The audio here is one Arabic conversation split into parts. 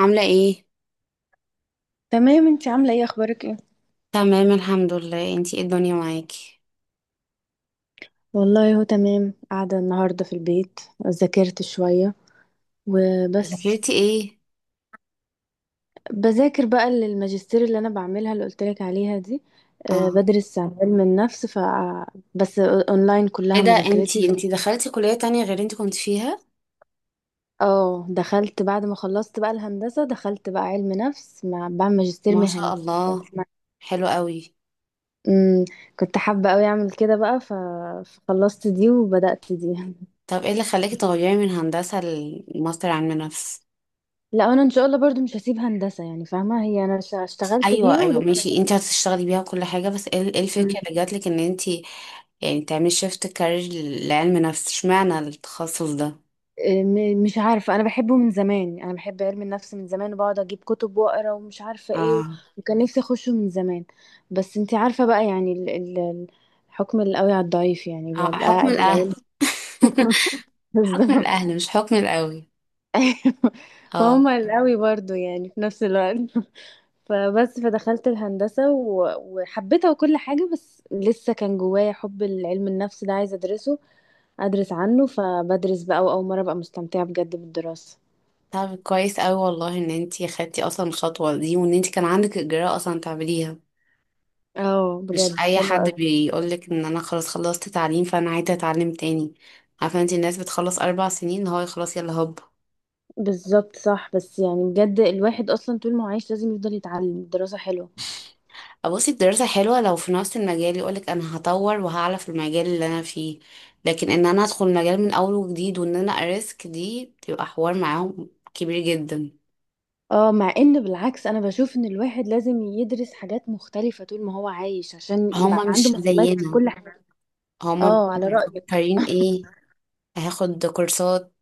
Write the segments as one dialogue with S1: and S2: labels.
S1: عاملة ايه؟
S2: تمام. انتي عاملة ايه؟ اخبارك ايه؟
S1: تمام الحمد لله، انتي ايه الدنيا معاكي؟
S2: والله هو تمام، قاعدة النهاردة في البيت. ذاكرت شوية. وبس.
S1: ذاكرتي ايه؟
S2: بذاكر بقى للماجستير اللي أنا بعملها اللي قلتلك عليها دي.
S1: اه،
S2: بدرس عن علم النفس. بس أونلاين
S1: ايه
S2: كلها
S1: ده،
S2: مذاكرتي
S1: انتي
S2: ف...
S1: انتي دخلتي كلية تانية غير اللي انتي كنت فيها؟
S2: اه، دخلت بعد ما خلصت بقى الهندسة، دخلت بقى علم نفس مع بعمل ماجستير
S1: ما شاء
S2: مهني.
S1: الله.
S2: بس ما...
S1: حلو قوي.
S2: مم. كنت حابة أوي أعمل كده بقى. فخلصت دي وبدأت دي.
S1: طب ايه اللي خلاكي تغيري من هندسة لماستر علم نفس؟
S2: لا، انا ان شاء الله برضو مش هسيب هندسة، يعني فاهمة، هي انا اشتغلت
S1: ايوه،
S2: بيها
S1: ايوه،
S2: ولسه.
S1: ماشي. انتي هتشتغلي بيها كل حاجة، بس ايه الفكرة اللي
S2: م-
S1: جاتلك ان انتي يعني تعملي شيفت كارير لعلم نفس؟ اشمعنى التخصص ده؟
S2: مش عارفة، انا بحبه من زمان، يعني انا بحب علم النفس من زمان وبقعد اجيب كتب واقرا ومش عارفة ايه.
S1: اه.
S2: وكان نفسي اخشه من زمان. بس انتي عارفة بقى يعني. الحكم القوي على الضعيف، يعني بقى
S1: اه، حكم
S2: الأقل-
S1: الاهل.
S2: العيال-
S1: حكم
S2: بالظبط.
S1: الاهل مش حكم القوي.
S2: أيوة.
S1: اه،
S2: فهم القوي برضو، يعني في نفس الوقت. فبس فدخلت الهندسة وحبيتها وكل حاجة، بس لسه كان جوايا حب العلم النفس ده عايزة ادرسه، ادرس عنه. فبدرس بقى، واول مره ابقى مستمتعه بجد بالدراسه.
S1: طب كويس أوي والله ان انتي خدتي اصلا الخطوة دي، وان انتي كان عندك اجراء اصلا تعمليها.
S2: اه،
S1: مش
S2: بجد
S1: اي
S2: حلوه
S1: حد
S2: قوي.
S1: بيقولك ان انا خلاص خلصت تعليم، فانا عايزة اتعلم تاني. عارفة انتي، الناس بتخلص 4 سنين هو خلاص، يلا هوب.
S2: بالظبط. صح، بس يعني بجد الواحد اصلا طول ما هو عايش لازم يفضل يتعلم. الدراسه حلوه.
S1: بصي، الدراسة حلوة لو في نفس المجال، يقولك انا هطور وهعلى في المجال اللي انا فيه. لكن ان انا ادخل مجال من اول وجديد وان انا اريسك، دي بتبقى حوار معاهم كبير جدا.
S2: اه، مع ان بالعكس انا بشوف ان الواحد لازم يدرس حاجات مختلفه طول ما هو عايش، عشان يبقى
S1: هما
S2: عنده
S1: مش
S2: معلومات في
S1: زينا.
S2: كل حاجه.
S1: هما
S2: اه، على رايك.
S1: مفكرين ايه؟ هاخد كورسات،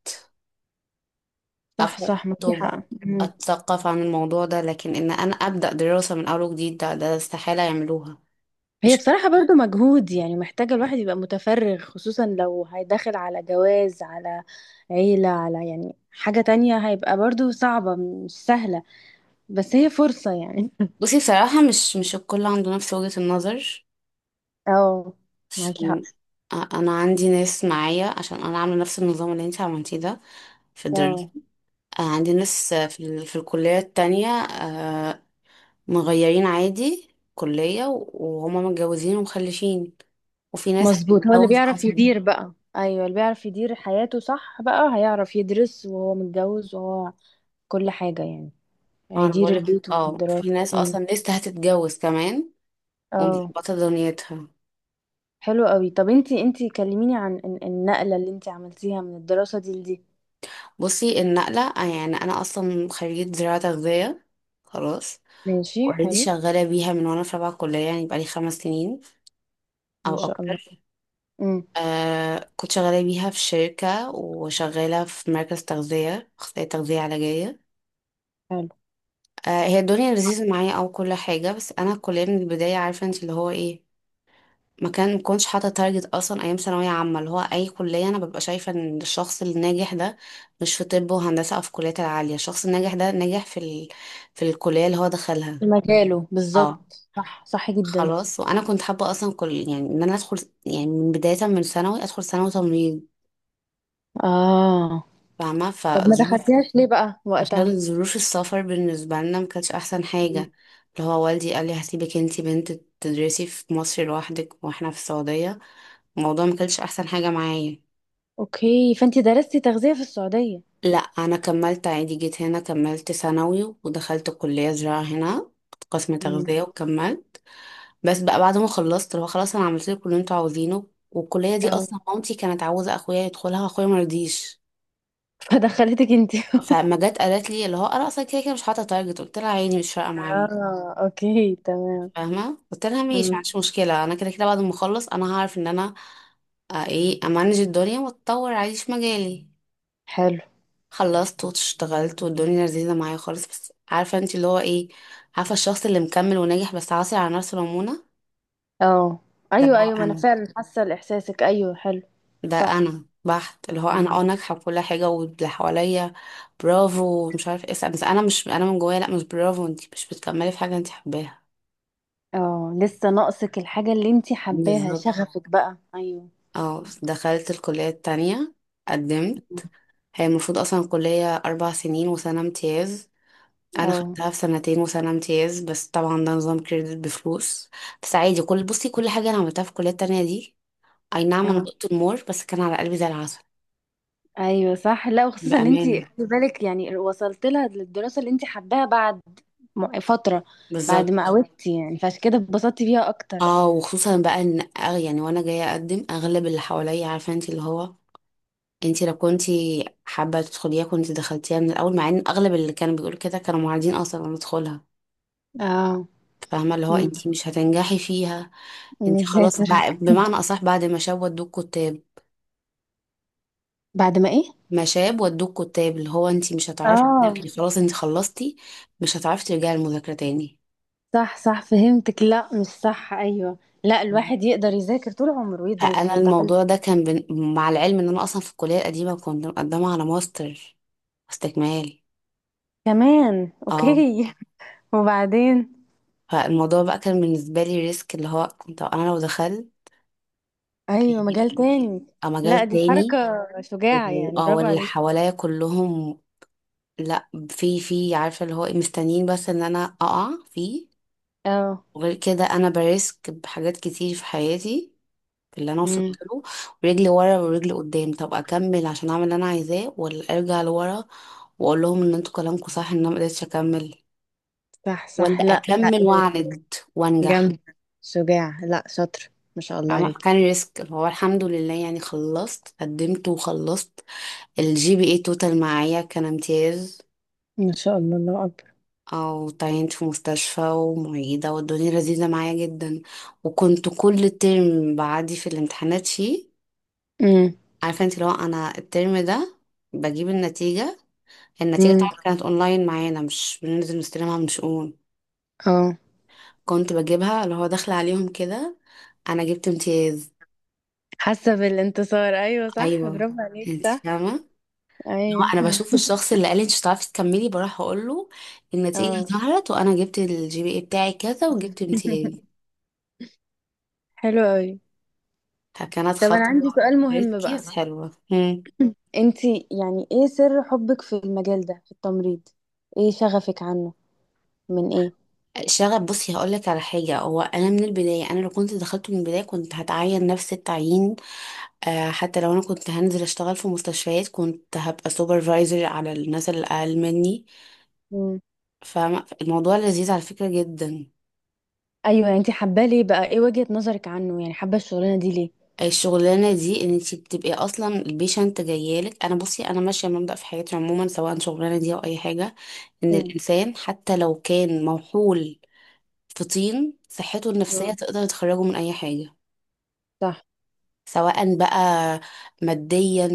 S2: صح،
S1: أقرأ
S2: صح، ما في
S1: كتب،
S2: حق. مم.
S1: أتثقف عن الموضوع ده. لكن إن أنا أبدأ دراسة من أول وجديد، ده، ده استحالة يعملوها.
S2: هي
S1: مش
S2: بصراحة برضو مجهود، يعني محتاجة الواحد يبقى متفرغ، خصوصا لو هيدخل على جواز، على عيلة، على يعني حاجة تانية، هيبقى برضو صعبة، مش سهلة. بس هي فرصة، يعني.
S1: بصي، بصراحة مش الكل عنده نفس وجهة النظر.
S2: اه. معاكي حق.
S1: عشان أنا عندي ناس معايا، عشان أنا عاملة نفس النظام اللي أنت عملتيه ده في الدراسة.
S2: اه،
S1: عندي ناس في الكلية التانية، مغيرين عادي كلية، وهما متجوزين ومخلفين، وفي ناس
S2: مظبوط، هو اللي
S1: هتتجوز
S2: بيعرف
S1: أصلا.
S2: يدير بقى. ايوه، اللي بيعرف يدير حياته، صح، بقى هيعرف يدرس وهو متجوز وهو كل حاجة، يعني.
S1: أنا
S2: هيدير
S1: بقولك،
S2: البيت والدراسة.
S1: في ناس
S2: أمم.
S1: أصلا لسه هتتجوز كمان،
S2: اه.
S1: ومظبطة دنيتها.
S2: حلو قوي. طب انتي كلميني عن النقلة اللي انتي عملتيها من الدراسة دي لدي.
S1: بصي النقلة، يعني أنا أصلا خريجة زراعة تغذية، خلاص.
S2: ماشي،
S1: اوريدي
S2: حلو.
S1: شغالة بيها من وأنا في رابعة كلية، يعني بقالي 5 سنين
S2: ما
S1: أو
S2: شاء الله.
S1: أكتر.
S2: امم.
S1: كنت شغالة بيها في شركة، وشغالة في مركز تغذية، أخصائية تغذية علاجية.
S2: حلو.
S1: هي الدنيا لذيذة معايا أو كل حاجة، بس أنا الكلية من البداية عارفة أنت اللي هو إيه، ما كنتش حاطه تارجت اصلا ايام ثانويه عامه. اللي هو اي كليه، انا ببقى شايفه ان الشخص الناجح ده مش في طب وهندسه او في الكليات العاليه. الشخص الناجح ده ناجح في في الكليه اللي هو دخلها.
S2: مجاله،
S1: اه،
S2: بالظبط. صح، صح جدا.
S1: خلاص. وانا كنت حابه اصلا، كل يعني ان انا ادخل، يعني من بدايه من ثانوي، ادخل ثانوي تمريض،
S2: اه.
S1: فاهمه،
S2: طب ما
S1: فظروف.
S2: دخلتيهاش ليه بقى وقتها؟
S1: عشان ظروف السفر بالنسبه لنا ما كانتش احسن
S2: مم.
S1: حاجه. اللي هو والدي قال لي هسيبك انتي بنت تدرسي في مصر لوحدك واحنا في السعوديه، الموضوع ما كانش احسن حاجه معايا.
S2: اوكي، فانتي درستي تغذية في السعودية؟
S1: لا، انا كملت عادي، جيت هنا كملت ثانوي، ودخلت كلية زراعة هنا قسم
S2: امم.
S1: تغذية، وكملت. بس بقى بعد ما خلصت، اللي هو خلاص انا عملت لكم اللي انتوا عاوزينه، والكلية دي
S2: طب
S1: اصلا مامتي كانت عاوزة اخويا يدخلها واخويا مرضيش.
S2: فدخلتك انتي.
S1: فما جت قالت لي اللي هو انا اصلا كده كده مش حاطة تارجت، قلت لها عيني مش فارقة معايا،
S2: اه، اوكي تمام.
S1: فاهمة، قلت لها ماشي،
S2: امم.
S1: معنديش مشكلة، انا كده كده بعد ما اخلص انا هعرف ان انا، ايه، امانج الدنيا واتطور عادي في مجالي.
S2: حلو.
S1: خلصت واشتغلت والدنيا لذيذة معايا خالص، بس عارفة انت اللي هو ايه، عارفة الشخص اللي مكمل وناجح بس عاصي على نفسه نمونة؟
S2: اه،
S1: ده
S2: ايوه،
S1: هو
S2: ايوه، ما انا
S1: انا.
S2: فعلا حاسه لاحساسك. ايوه، حلو.
S1: ده
S2: صح.
S1: انا بحت، اللي هو انا
S2: مم.
S1: ناجحة في كل حاجة، واللي حواليا برافو مش عارف ايه، بس انا مش، انا من جوايا لا مش برافو، انت مش بتكملي في حاجة انت حباها.
S2: اه، لسه ناقصك الحاجه اللي انتي حباها،
S1: بالظبط.
S2: شغفك بقى، ايوه.
S1: اه، دخلت الكلية التانية، قدمت. هي المفروض اصلا الكلية 4 سنين وسنة امتياز، انا
S2: اه.
S1: خدتها في سنتين وسنه امتياز، بس طبعا ده نظام كريدت بفلوس. بس عادي، كل بصي كل حاجه انا عملتها في الكليه التانية دي، اي نعم انا
S2: اه،
S1: دقت المور بس كان على قلبي زي العسل،
S2: ايوه، صح. لا، وخصوصا ان انت
S1: بامانه،
S2: خلي بالك، يعني وصلت لها للدراسه اللي انت حباها بعد فتره. بعد ما
S1: بالظبط.
S2: قوتي، يعني فعشان كده اتبسطتي بيها اكتر.
S1: اه وخصوصا بقى ان يعني وانا جايه اقدم، اغلب اللي حواليا عارفه انت اللي هو، انت لو كنتي حابه تدخليها كنت دخلتيها من الاول، مع ان اغلب اللي كانوا بيقولوا كده كانوا معارضين اصلا ان ادخلها.
S2: اه.
S1: فاهمه، اللي هو
S2: ن-
S1: انت مش هتنجحي فيها، انت خلاص،
S2: نذاكر.
S1: بمعنى اصح بعد ما شوت دوك كنت
S2: بعد ما ايه؟
S1: مشاب ودوك كتاب، اللي هو انت مش هتعرفي
S2: اه،
S1: تذاكري، خلاص انت خلصتي، مش هتعرفي ترجعي المذاكرة تاني.
S2: صح، صح، فهمتك. لا، مش صح. ايوه. لا،
S1: مم.
S2: الواحد يقدر يذاكر طول عمره ويدرس
S1: فانا
S2: ويتعلم.
S1: الموضوع ده كان مع العلم ان انا اصلا في الكلية القديمة كنت مقدمة على ماستر استكمال.
S2: كمان؟
S1: اه،
S2: اوكي. وبعدين؟
S1: فالموضوع بقى كان بالنسبة لي ريسك، اللي هو كنت انا لو دخلت
S2: ايوه، مجال
S1: يعني
S2: تاني. لا،
S1: مجال
S2: دي حركه
S1: تاني،
S2: شجاعه، يعني
S1: اه،
S2: برافو
S1: واللي
S2: عليك.
S1: حواليا كلهم لا، في عارفة اللي هو إيه، مستنيين بس ان انا اقع فيه.
S2: اه.
S1: وغير كده انا بريسك بحاجات كتير في حياتي اللي انا وصلت
S2: امم.
S1: له، ورجلي ورا ورجلي قدام. طب اكمل عشان اعمل اللي انا عايزاه، ولا ارجع لورا واقول لهم ان انتوا كلامكم صح، ان انا ما قدرتش اكمل؟
S2: صح، صح.
S1: ولا
S2: لا، لا.
S1: اكمل واعند وانجح؟
S2: جامد. شجاع. لا، شاطر. ما شاء الله
S1: فاهمة؟
S2: عليك.
S1: فكان ريسك، هو الحمد لله يعني خلصت قدمت وخلصت. الجي بي اي توتال معايا كان امتياز.
S2: ما شاء الله، الله أكبر.
S1: او تعينت في مستشفى ومعيدة والدنيا لذيذة معايا جدا، وكنت كل ترم بعدي في الامتحانات فيه.
S2: امم.
S1: عارفة انت لو انا الترم ده بجيب النتيجة، النتيجة
S2: امم.
S1: طبعا كانت اونلاين معانا، مش بننزل نستلمها من شؤون،
S2: اه،
S1: كنت بجيبها اللي هو داخلة عليهم كده، انا جبت امتياز.
S2: حاسه بالانتصار. ايوه، صح.
S1: ايوه.
S2: برافو عليك.
S1: انت
S2: صح.
S1: فاهمة؟ اللي هو
S2: ايوه.
S1: انا بشوف الشخص اللي قال لي انت مش هتعرفي تكملي، بروح اقول له النتيجة
S2: اه.
S1: ظهرت، وانا جبت الجي بي اي بتاعي كذا وجبت امتياز.
S2: حلو قوي.
S1: فكانت
S2: طب انا عندي
S1: خطوة
S2: سؤال مهم
S1: ريسكي
S2: بقى.
S1: بس حلوة. مم.
S2: انتي، يعني ايه سر حبك في المجال ده، في التمريض؟ ايه شغفك عنه؟ من ايه؟
S1: شغف، بصي هقول لك على حاجه. هو انا من البدايه، انا لو كنت دخلت من البدايه كنت هتعين نفس التعيين، آه، حتى لو انا كنت هنزل اشتغل في مستشفيات كنت هبقى سوبرفايزر على الناس اللي اقل مني.
S2: امم.
S1: فالموضوع لذيذ على فكره جدا.
S2: ايوه، يعني انتي حباه ليه بقى؟ ايه وجهة نظرك عنه؟ يعني حابه الشغلانه دي ليه؟
S1: الشغلانه دي ان انت بتبقي اصلا البيشنت جايالك، انا بصي انا ماشيه مبدأ في حياتي عموما، سواء شغلانه دي او اي حاجه، ان
S2: امم.
S1: الانسان حتى لو كان موحول في طين صحته
S2: آه.
S1: النفسيه تقدر تخرجه من اي حاجه،
S2: صح،
S1: سواء بقى ماديا،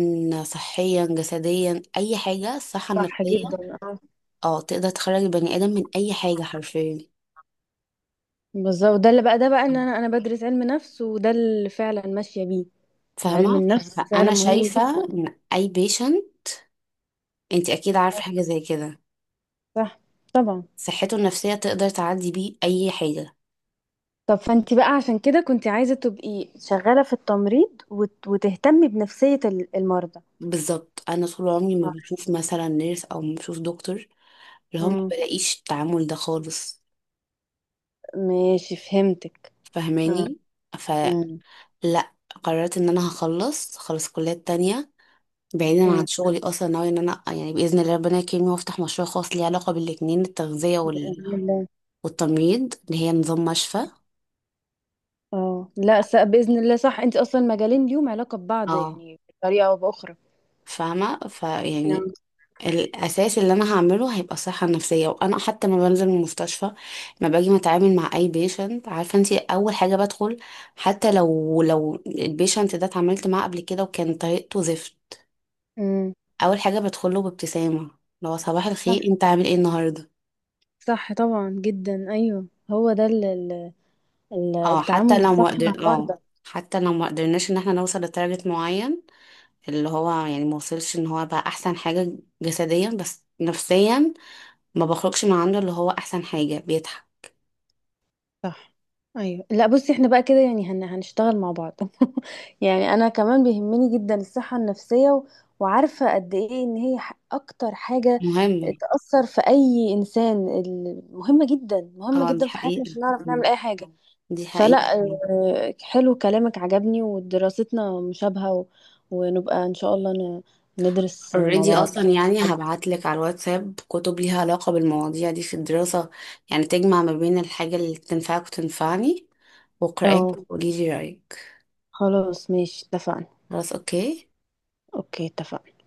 S1: صحيا، جسديا، اي حاجه، الصحه
S2: صح
S1: النفسيه
S2: جدا.
S1: اه تقدر تخرج البني ادم من اي حاجه حرفيا.
S2: بالظبط، ده اللي بقى، ده بقى ان انا بدرس علم نفس، وده اللي فعلا ماشيه بيه. علم
S1: فاهمه؟
S2: النفس فعلا
S1: انا
S2: مهم
S1: شايفه
S2: جدا.
S1: ان اي بيشنت انت اكيد عارفه
S2: آه.
S1: حاجه زي كده،
S2: صح. طبعا.
S1: صحته النفسيه تقدر تعدي بيه اي حاجه.
S2: طب فانت بقى، عشان كده كنت عايزه تبقي شغاله في التمريض، وتهتمي بنفسيه المرضى.
S1: بالظبط. انا طول عمري ما
S2: آه.
S1: بشوف مثلا نيرس او ما بشوف دكتور اللي هو ما
S2: مم.
S1: بلاقيش التعامل ده خالص،
S2: ماشي، فهمتك. اه.
S1: فاهماني؟ فلا،
S2: مم.
S1: قررت ان انا هخلص خلص كليات تانية بعيدا
S2: مم.
S1: عن شغلي. اصلا ناوي ان انا يعني باذن الله ربنا يكرمني وافتح مشروع خاص ليه علاقه بالاتنين، التغذيه
S2: باذن الله.
S1: والتمريض اللي هي نظام مشفى.
S2: اه، لا، باذن الله، صح، انت اصلا مجالين ليهم علاقه ببعض،
S1: اه،
S2: يعني بطريقه او باخرى.
S1: فاهمه، فيعني
S2: نعم.
S1: الاساس اللي انا هعمله هيبقى الصحه النفسيه، وانا حتى ما بنزل من المستشفى ما باجي متعامل مع اي بيشنت، عارفه انت اول حاجه بدخل، حتى لو البيشنت ده اتعاملت معاه قبل كده وكان طريقته زفت،
S2: مم.
S1: اول حاجه بدخله بابتسامه، لو صباح الخير
S2: صح،
S1: انت عامل ايه النهارده.
S2: صح، طبعا جدا. ايوه، هو ده. ال-
S1: اه
S2: التعامل
S1: حتى لو ما
S2: الصح مع
S1: قدر اه
S2: المرضى.
S1: حتى لو ما قدرناش ان احنا نوصل لتارجت معين، اللي هو يعني ما وصلش ان هو بقى احسن حاجة جسديا، بس نفسيا ما بخرجش من عنده اللي هو احسن حاجة بيتعب.
S2: صح. ايوه، لا بصي احنا بقى كده، يعني هنشتغل مع بعض. يعني انا كمان بيهمني جدا الصحة النفسية. وعارفة قد ايه ان هي اكتر حاجة
S1: مهم.
S2: تأثر في اي انسان، مهمة جدا، مهمة
S1: اه، دي
S2: جدا في حياتنا
S1: حقيقة.
S2: عشان نعرف
S1: مم.
S2: نعمل اي حاجة.
S1: دي
S2: فلا.
S1: حقيقة.
S2: حلو كلامك عجبني ودراستنا مشابهة. ونبقى ان شاء الله. ندرس مع
S1: اوريدي
S2: بعض.
S1: اصلا يعني هبعتلك على الواتساب كتب ليها علاقة بالمواضيع دي في الدراسة، يعني تجمع ما بين الحاجة اللي تنفعك وتنفعني، واقرأيها
S2: اه،
S1: وقوليلي رأيك.
S2: خلاص ماشي، اتفقنا.
S1: خلاص، اوكي.
S2: اوكي، اتفقنا.